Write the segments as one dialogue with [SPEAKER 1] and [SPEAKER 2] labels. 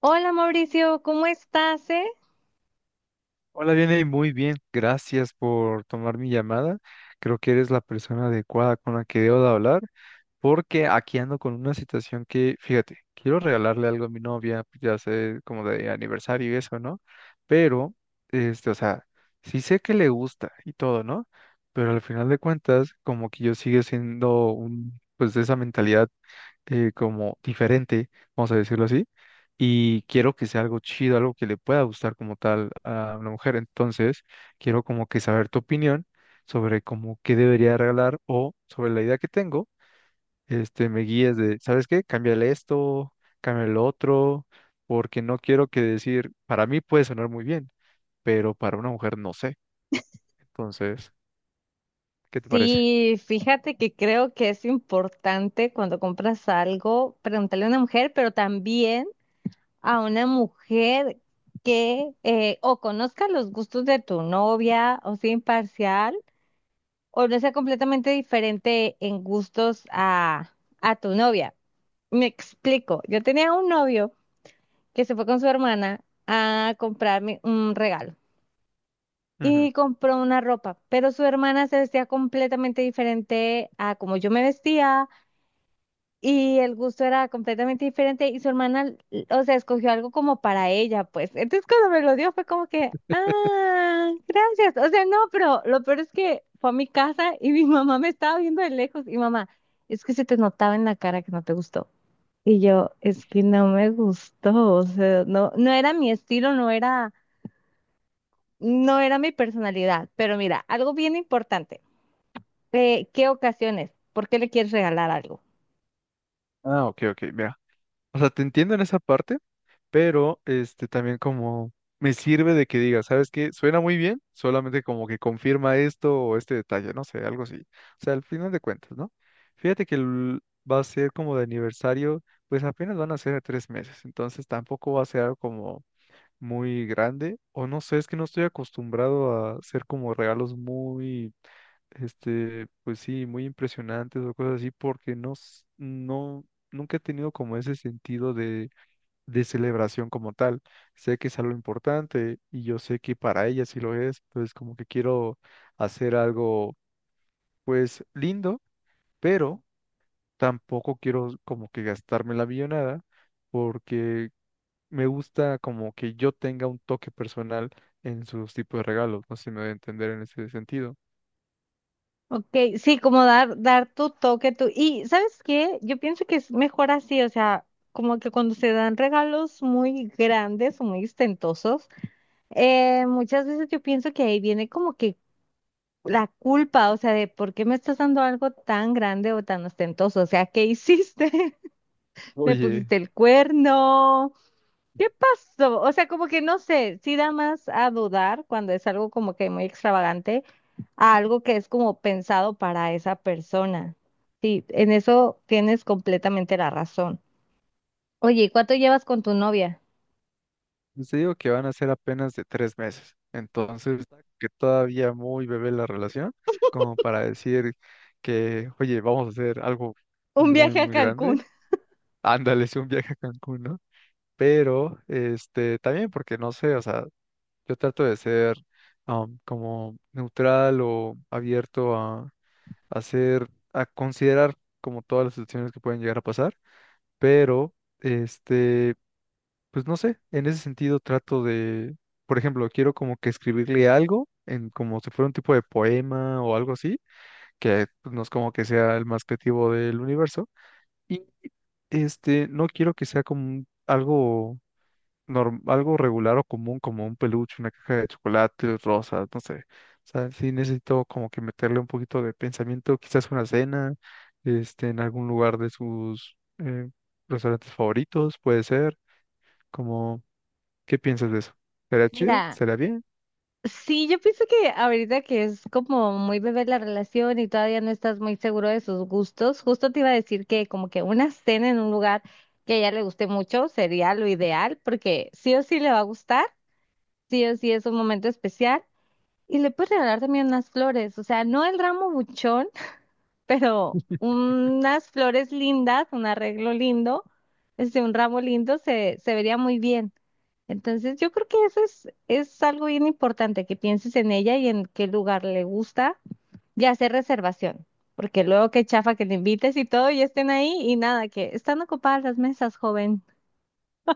[SPEAKER 1] Hola Mauricio, ¿cómo estás, eh?
[SPEAKER 2] Hola, viene muy bien. Gracias por tomar mi llamada. Creo que eres la persona adecuada con la que debo de hablar, porque aquí ando con una situación que, fíjate, quiero regalarle algo a mi novia, pues ya sé, como de aniversario y eso, ¿no? Pero, o sea, sí sé que le gusta y todo, ¿no? Pero al final de cuentas, como que yo sigo siendo un, pues de esa mentalidad como diferente, vamos a decirlo así, y quiero que sea algo chido, algo que le pueda gustar como tal a una mujer. Entonces, quiero como que saber tu opinión sobre cómo qué debería regalar o sobre la idea que tengo, me guíes de, ¿sabes qué? Cámbiale esto, cámbiale lo otro, porque no quiero que decir, para mí puede sonar muy bien, pero para una mujer no sé. Entonces, ¿qué te parece?
[SPEAKER 1] Sí, fíjate que creo que es importante cuando compras algo preguntarle a una mujer, pero también a una mujer que o conozca los gustos de tu novia o sea imparcial o no sea completamente diferente en gustos a tu novia. Me explico, yo tenía un novio que se fue con su hermana a comprarme un regalo.
[SPEAKER 2] Ujú.
[SPEAKER 1] Y compró una ropa, pero su hermana se vestía completamente diferente a como yo me vestía y el gusto era completamente diferente y su hermana, o sea, escogió algo como para ella, pues. Entonces cuando me lo dio fue como que, ah, gracias. O sea, no, pero lo peor es que fue a mi casa y mi mamá me estaba viendo de lejos y mamá, es que se te notaba en la cara que no te gustó. Y yo, es que no me gustó, o sea, no, no era mi estilo, no era mi personalidad, pero mira, algo bien importante. ¿Qué ocasiones? ¿Por qué le quieres regalar algo?
[SPEAKER 2] Ah, ok, ok, mira. O sea, te entiendo en esa parte, pero también como me sirve de que diga, ¿sabes qué? Suena muy bien, solamente como que confirma esto o este detalle, no sé, algo así. O sea, al final de cuentas, ¿no? Fíjate que va a ser como de aniversario, pues apenas van a ser de 3 meses, entonces tampoco va a ser algo como muy grande, o no sé, es que no estoy acostumbrado a hacer como regalos muy, pues sí, muy impresionantes o cosas así, porque no, no, nunca he tenido como ese sentido de celebración como tal. Sé que es algo importante y yo sé que para ella sí lo es, entonces como que quiero hacer algo pues lindo, pero tampoco quiero como que gastarme la millonada porque me gusta como que yo tenga un toque personal en sus tipos de regalos, no sé si me voy a entender en ese sentido.
[SPEAKER 1] Ok, sí, como dar tu toque, tu... Y ¿sabes qué? Yo pienso que es mejor así, o sea, como que cuando se dan regalos muy grandes o muy ostentosos, muchas veces yo pienso que ahí viene como que la culpa, o sea, de por qué me estás dando algo tan grande o tan ostentoso, o sea, ¿qué hiciste? ¿Me
[SPEAKER 2] Oye,
[SPEAKER 1] pusiste el cuerno? ¿Qué pasó? O sea, como que no sé, sí da más a dudar cuando es algo como que muy extravagante a algo que es como pensado para esa persona. Sí, en eso tienes completamente la razón. Oye, ¿y cuánto llevas con tu novia?
[SPEAKER 2] yo te digo que van a ser apenas de 3 meses, entonces está que todavía muy bebé la relación, como para decir que, oye, vamos a hacer algo
[SPEAKER 1] Un
[SPEAKER 2] muy,
[SPEAKER 1] viaje a
[SPEAKER 2] muy grande,
[SPEAKER 1] Cancún.
[SPEAKER 2] ándale, sí, un viaje a Cancún, ¿no? Pero, también porque no sé, o sea, yo trato de ser como neutral o abierto a hacer, a considerar como todas las situaciones que pueden llegar a pasar, pero, este... pues no sé, en ese sentido trato de, por ejemplo, quiero como que escribirle algo en como si fuera un tipo de poema o algo así, que pues, no es como que sea el más creativo del universo y no quiero que sea como algo algo regular o común como un peluche, una caja de chocolate rosas, no sé. O sea, sí necesito como que meterle un poquito de pensamiento, quizás una cena, en algún lugar de sus restaurantes favoritos, puede ser como. ¿Qué piensas de eso? ¿Será chido?
[SPEAKER 1] Mira,
[SPEAKER 2] ¿Será bien?
[SPEAKER 1] sí, yo pienso que ahorita que es como muy bebé la relación y todavía no estás muy seguro de sus gustos, justo te iba a decir que como que una cena en un lugar que a ella le guste mucho sería lo ideal, porque sí o sí le va a gustar. Sí o sí es un momento especial. Y le puedes regalar también unas flores, o sea, no el ramo buchón, pero unas flores lindas, un arreglo lindo, este, un ramo lindo se vería muy bien. Entonces, yo creo que eso es algo bien importante, que pienses en ella y en qué lugar le gusta y hacer reservación, porque luego qué chafa que te invites y todo y estén ahí y nada, que están ocupadas las mesas, joven.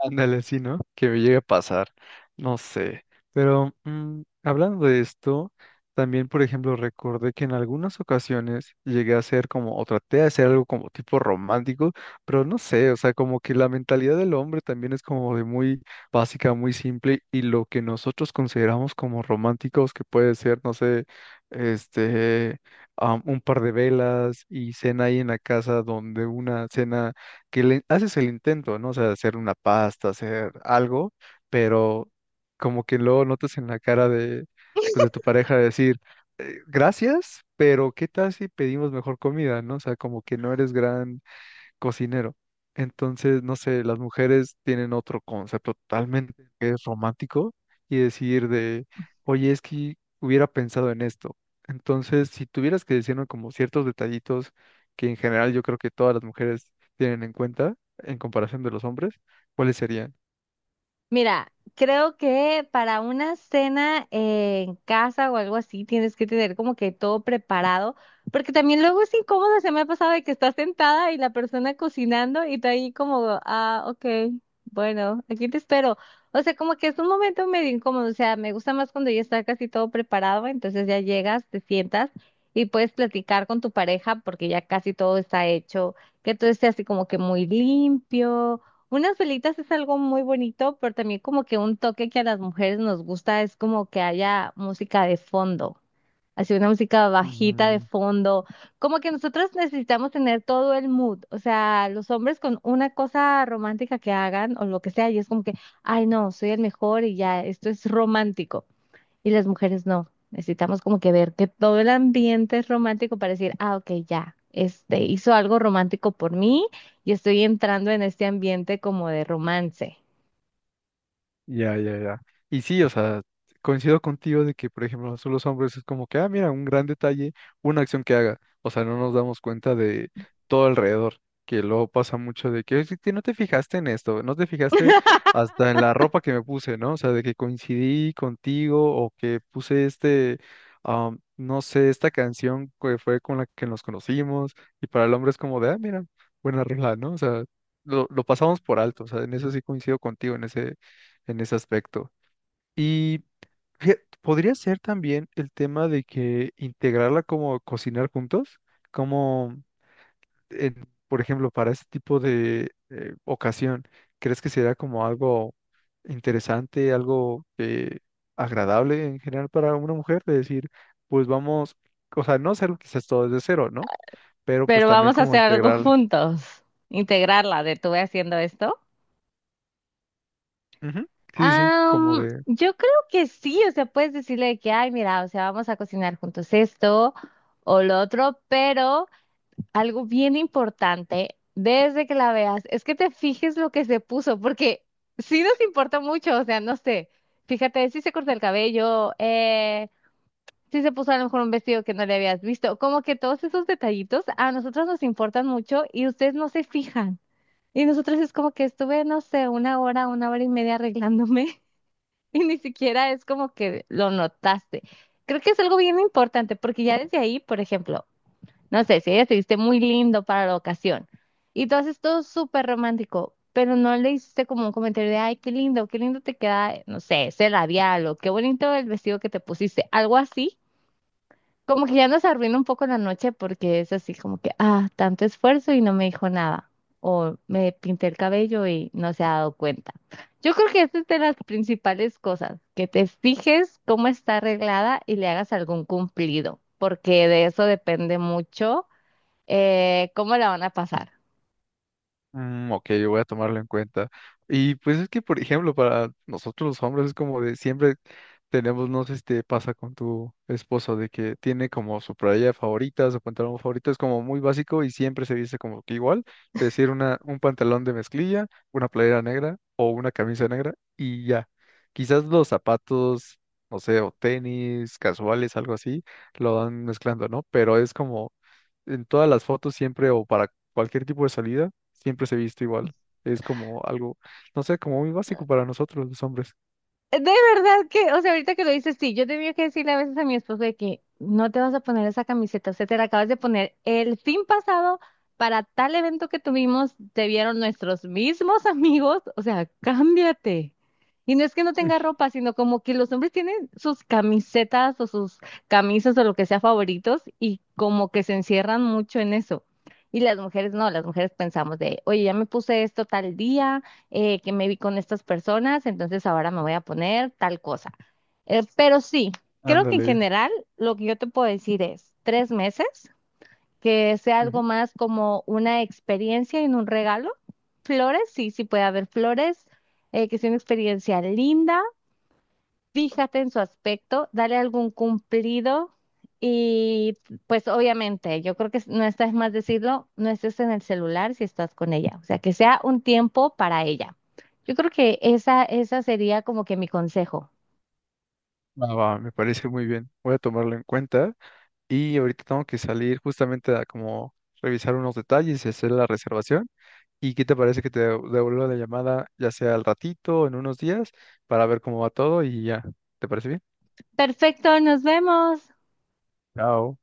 [SPEAKER 2] Ándale, sí, ¿no? Que me llegue a pasar. No sé. Pero hablando de esto, también, por ejemplo, recordé que en algunas ocasiones llegué a hacer como, o traté de hacer algo como tipo romántico, pero no sé, o sea, como que la mentalidad del hombre también es como de muy básica, muy simple, y lo que nosotros consideramos como románticos, que puede ser, no sé, este, un par de velas y cena ahí en la casa, donde una cena que le haces el intento, ¿no? O sea, hacer una pasta, hacer algo, pero como que luego notas en la cara de, pues, de tu pareja decir, gracias, pero ¿qué tal si pedimos mejor comida, ¿no?". O sea, como que no eres gran cocinero. Entonces, no sé, las mujeres tienen otro concepto totalmente que es romántico y decir de, oye, es que hubiera pensado en esto. Entonces, si tuvieras que decirme como ciertos detallitos que en general yo creo que todas las mujeres tienen en cuenta en comparación de los hombres, ¿cuáles serían?
[SPEAKER 1] Mira, creo que para una cena en casa o algo así tienes que tener como que todo preparado, porque también luego es incómodo, se me ha pasado de que estás sentada y la persona cocinando y tú ahí como, ah, ok, bueno, aquí te espero. O sea, como que es un momento medio incómodo, o sea, me gusta más cuando ya está casi todo preparado, entonces ya llegas, te sientas y puedes platicar con tu pareja porque ya casi todo está hecho, que todo esté así como que muy limpio. Unas velitas es algo muy bonito, pero también como que un toque que a las mujeres nos gusta es como que haya música de fondo, así una música bajita de
[SPEAKER 2] Ujú.
[SPEAKER 1] fondo, como que nosotros necesitamos tener todo el mood, o sea, los hombres con una cosa romántica que hagan o lo que sea, y es como que, ay no, soy el mejor y ya, esto es romántico. Y las mujeres no. Necesitamos como que ver que todo el ambiente es romántico para decir, ah, ok, ya, este hizo algo romántico por mí y estoy entrando en este ambiente como de romance.
[SPEAKER 2] Ya, ya, ya. Y sí, o sea, coincido contigo de que, por ejemplo, nosotros los hombres es como que, ah, mira, un gran detalle, una acción que haga. O sea, no nos damos cuenta de todo alrededor, que luego pasa mucho de que, "Es que no te fijaste en esto, no te fijaste hasta en la ropa que me puse, ¿no? O sea, de que coincidí contigo, o que puse este, no sé, esta canción que fue con la que nos conocimos. Y para el hombre es como de, ah, mira, buena rola, ¿no? O sea, lo pasamos por alto, o sea, en eso sí coincido contigo, en ese aspecto. Y fíjate, podría ser también el tema de que integrarla como cocinar juntos, como, por ejemplo, para ese tipo de ocasión, ¿crees que sería como algo interesante, algo agradable en general para una mujer? De decir, pues vamos, o sea, no hacerlo quizás todo desde cero, ¿no? Pero pues
[SPEAKER 1] Pero
[SPEAKER 2] también
[SPEAKER 1] vamos a
[SPEAKER 2] como
[SPEAKER 1] hacer algo
[SPEAKER 2] integrar.
[SPEAKER 1] juntos. Integrarla de tuve haciendo esto.
[SPEAKER 2] Ujú. Sí, sí, sí, como de...
[SPEAKER 1] Yo creo que sí, o sea, puedes decirle de que, ay, mira, o sea, vamos a cocinar juntos esto o lo otro, pero algo bien importante desde que la veas es que te fijes lo que se puso, porque sí nos importa mucho, o sea, no sé, fíjate, si se cortó el cabello, si se puso a lo mejor un vestido que no le habías visto, como que todos esos detallitos a nosotros nos importan mucho y ustedes no se fijan. Y nosotros es como que estuve, no sé, una hora y media arreglándome y ni siquiera es como que lo notaste. Creo que es algo bien importante, porque ya desde ahí, por ejemplo, no sé, si ella te viste muy lindo para la ocasión y tú haces todo súper romántico, pero no le hiciste como un comentario de, ay, qué lindo te queda, no sé, ese labial o qué bonito el vestido que te pusiste, algo así. Como que ya nos arruina un poco la noche porque es así como que, ah, tanto esfuerzo y no me dijo nada. O me pinté el cabello y no se ha dado cuenta. Yo creo que esa es de las principales cosas, que te fijes cómo está arreglada y le hagas algún cumplido, porque de eso depende mucho. ¿Cómo la van a pasar?
[SPEAKER 2] Mm, ok, yo voy a tomarlo en cuenta. Y pues es que, por ejemplo, para nosotros los hombres es como de siempre tenemos, no sé si te pasa con tu esposo, de que tiene como su playa favorita, su pantalón favorito, es como muy básico y siempre se viste como que igual, es decir, un pantalón de mezclilla, una playera negra o una camisa negra y ya. Quizás los zapatos, no sé, o tenis, casuales, algo así, lo van mezclando, ¿no? Pero es como en todas las fotos siempre, o para cualquier tipo de salida, siempre se viste igual. Es como algo, no sé, como muy básico para nosotros los hombres.
[SPEAKER 1] De verdad que, o sea, ahorita que lo dices, sí, yo tenía que decirle a veces a mi esposo de que no te vas a poner esa camiseta, o sea, te la acabas de poner el fin pasado para tal evento que tuvimos, te vieron nuestros mismos amigos, o sea, cámbiate. Y no es que no tenga ropa, sino como que los hombres tienen sus camisetas o sus camisas o lo que sea favoritos y como que se encierran mucho en eso. Y las mujeres no, las mujeres pensamos de, oye, ya me puse esto tal día. Que me vi con estas personas, entonces ahora me voy a poner tal cosa. Pero sí, creo que en
[SPEAKER 2] Ándale.
[SPEAKER 1] general lo que yo te puedo decir es 3 meses, que sea algo
[SPEAKER 2] Ujú.
[SPEAKER 1] más como una experiencia en un regalo. Flores, sí, sí puede haber flores, que sea una experiencia linda. Fíjate en su aspecto, dale algún cumplido y pues obviamente, yo creo que no está de más decirlo, no estés en el celular si estás con ella, o sea, que sea un tiempo para ella. Yo creo que esa sería como que mi consejo.
[SPEAKER 2] Va, va, me parece muy bien. Voy a tomarlo en cuenta. Y ahorita tengo que salir justamente a como revisar unos detalles y hacer la reservación. ¿Y qué te parece que te devuelva la llamada, ya sea al ratito, en unos días, para ver cómo va todo y ya? ¿Te parece bien?
[SPEAKER 1] Perfecto, nos vemos.
[SPEAKER 2] Chao.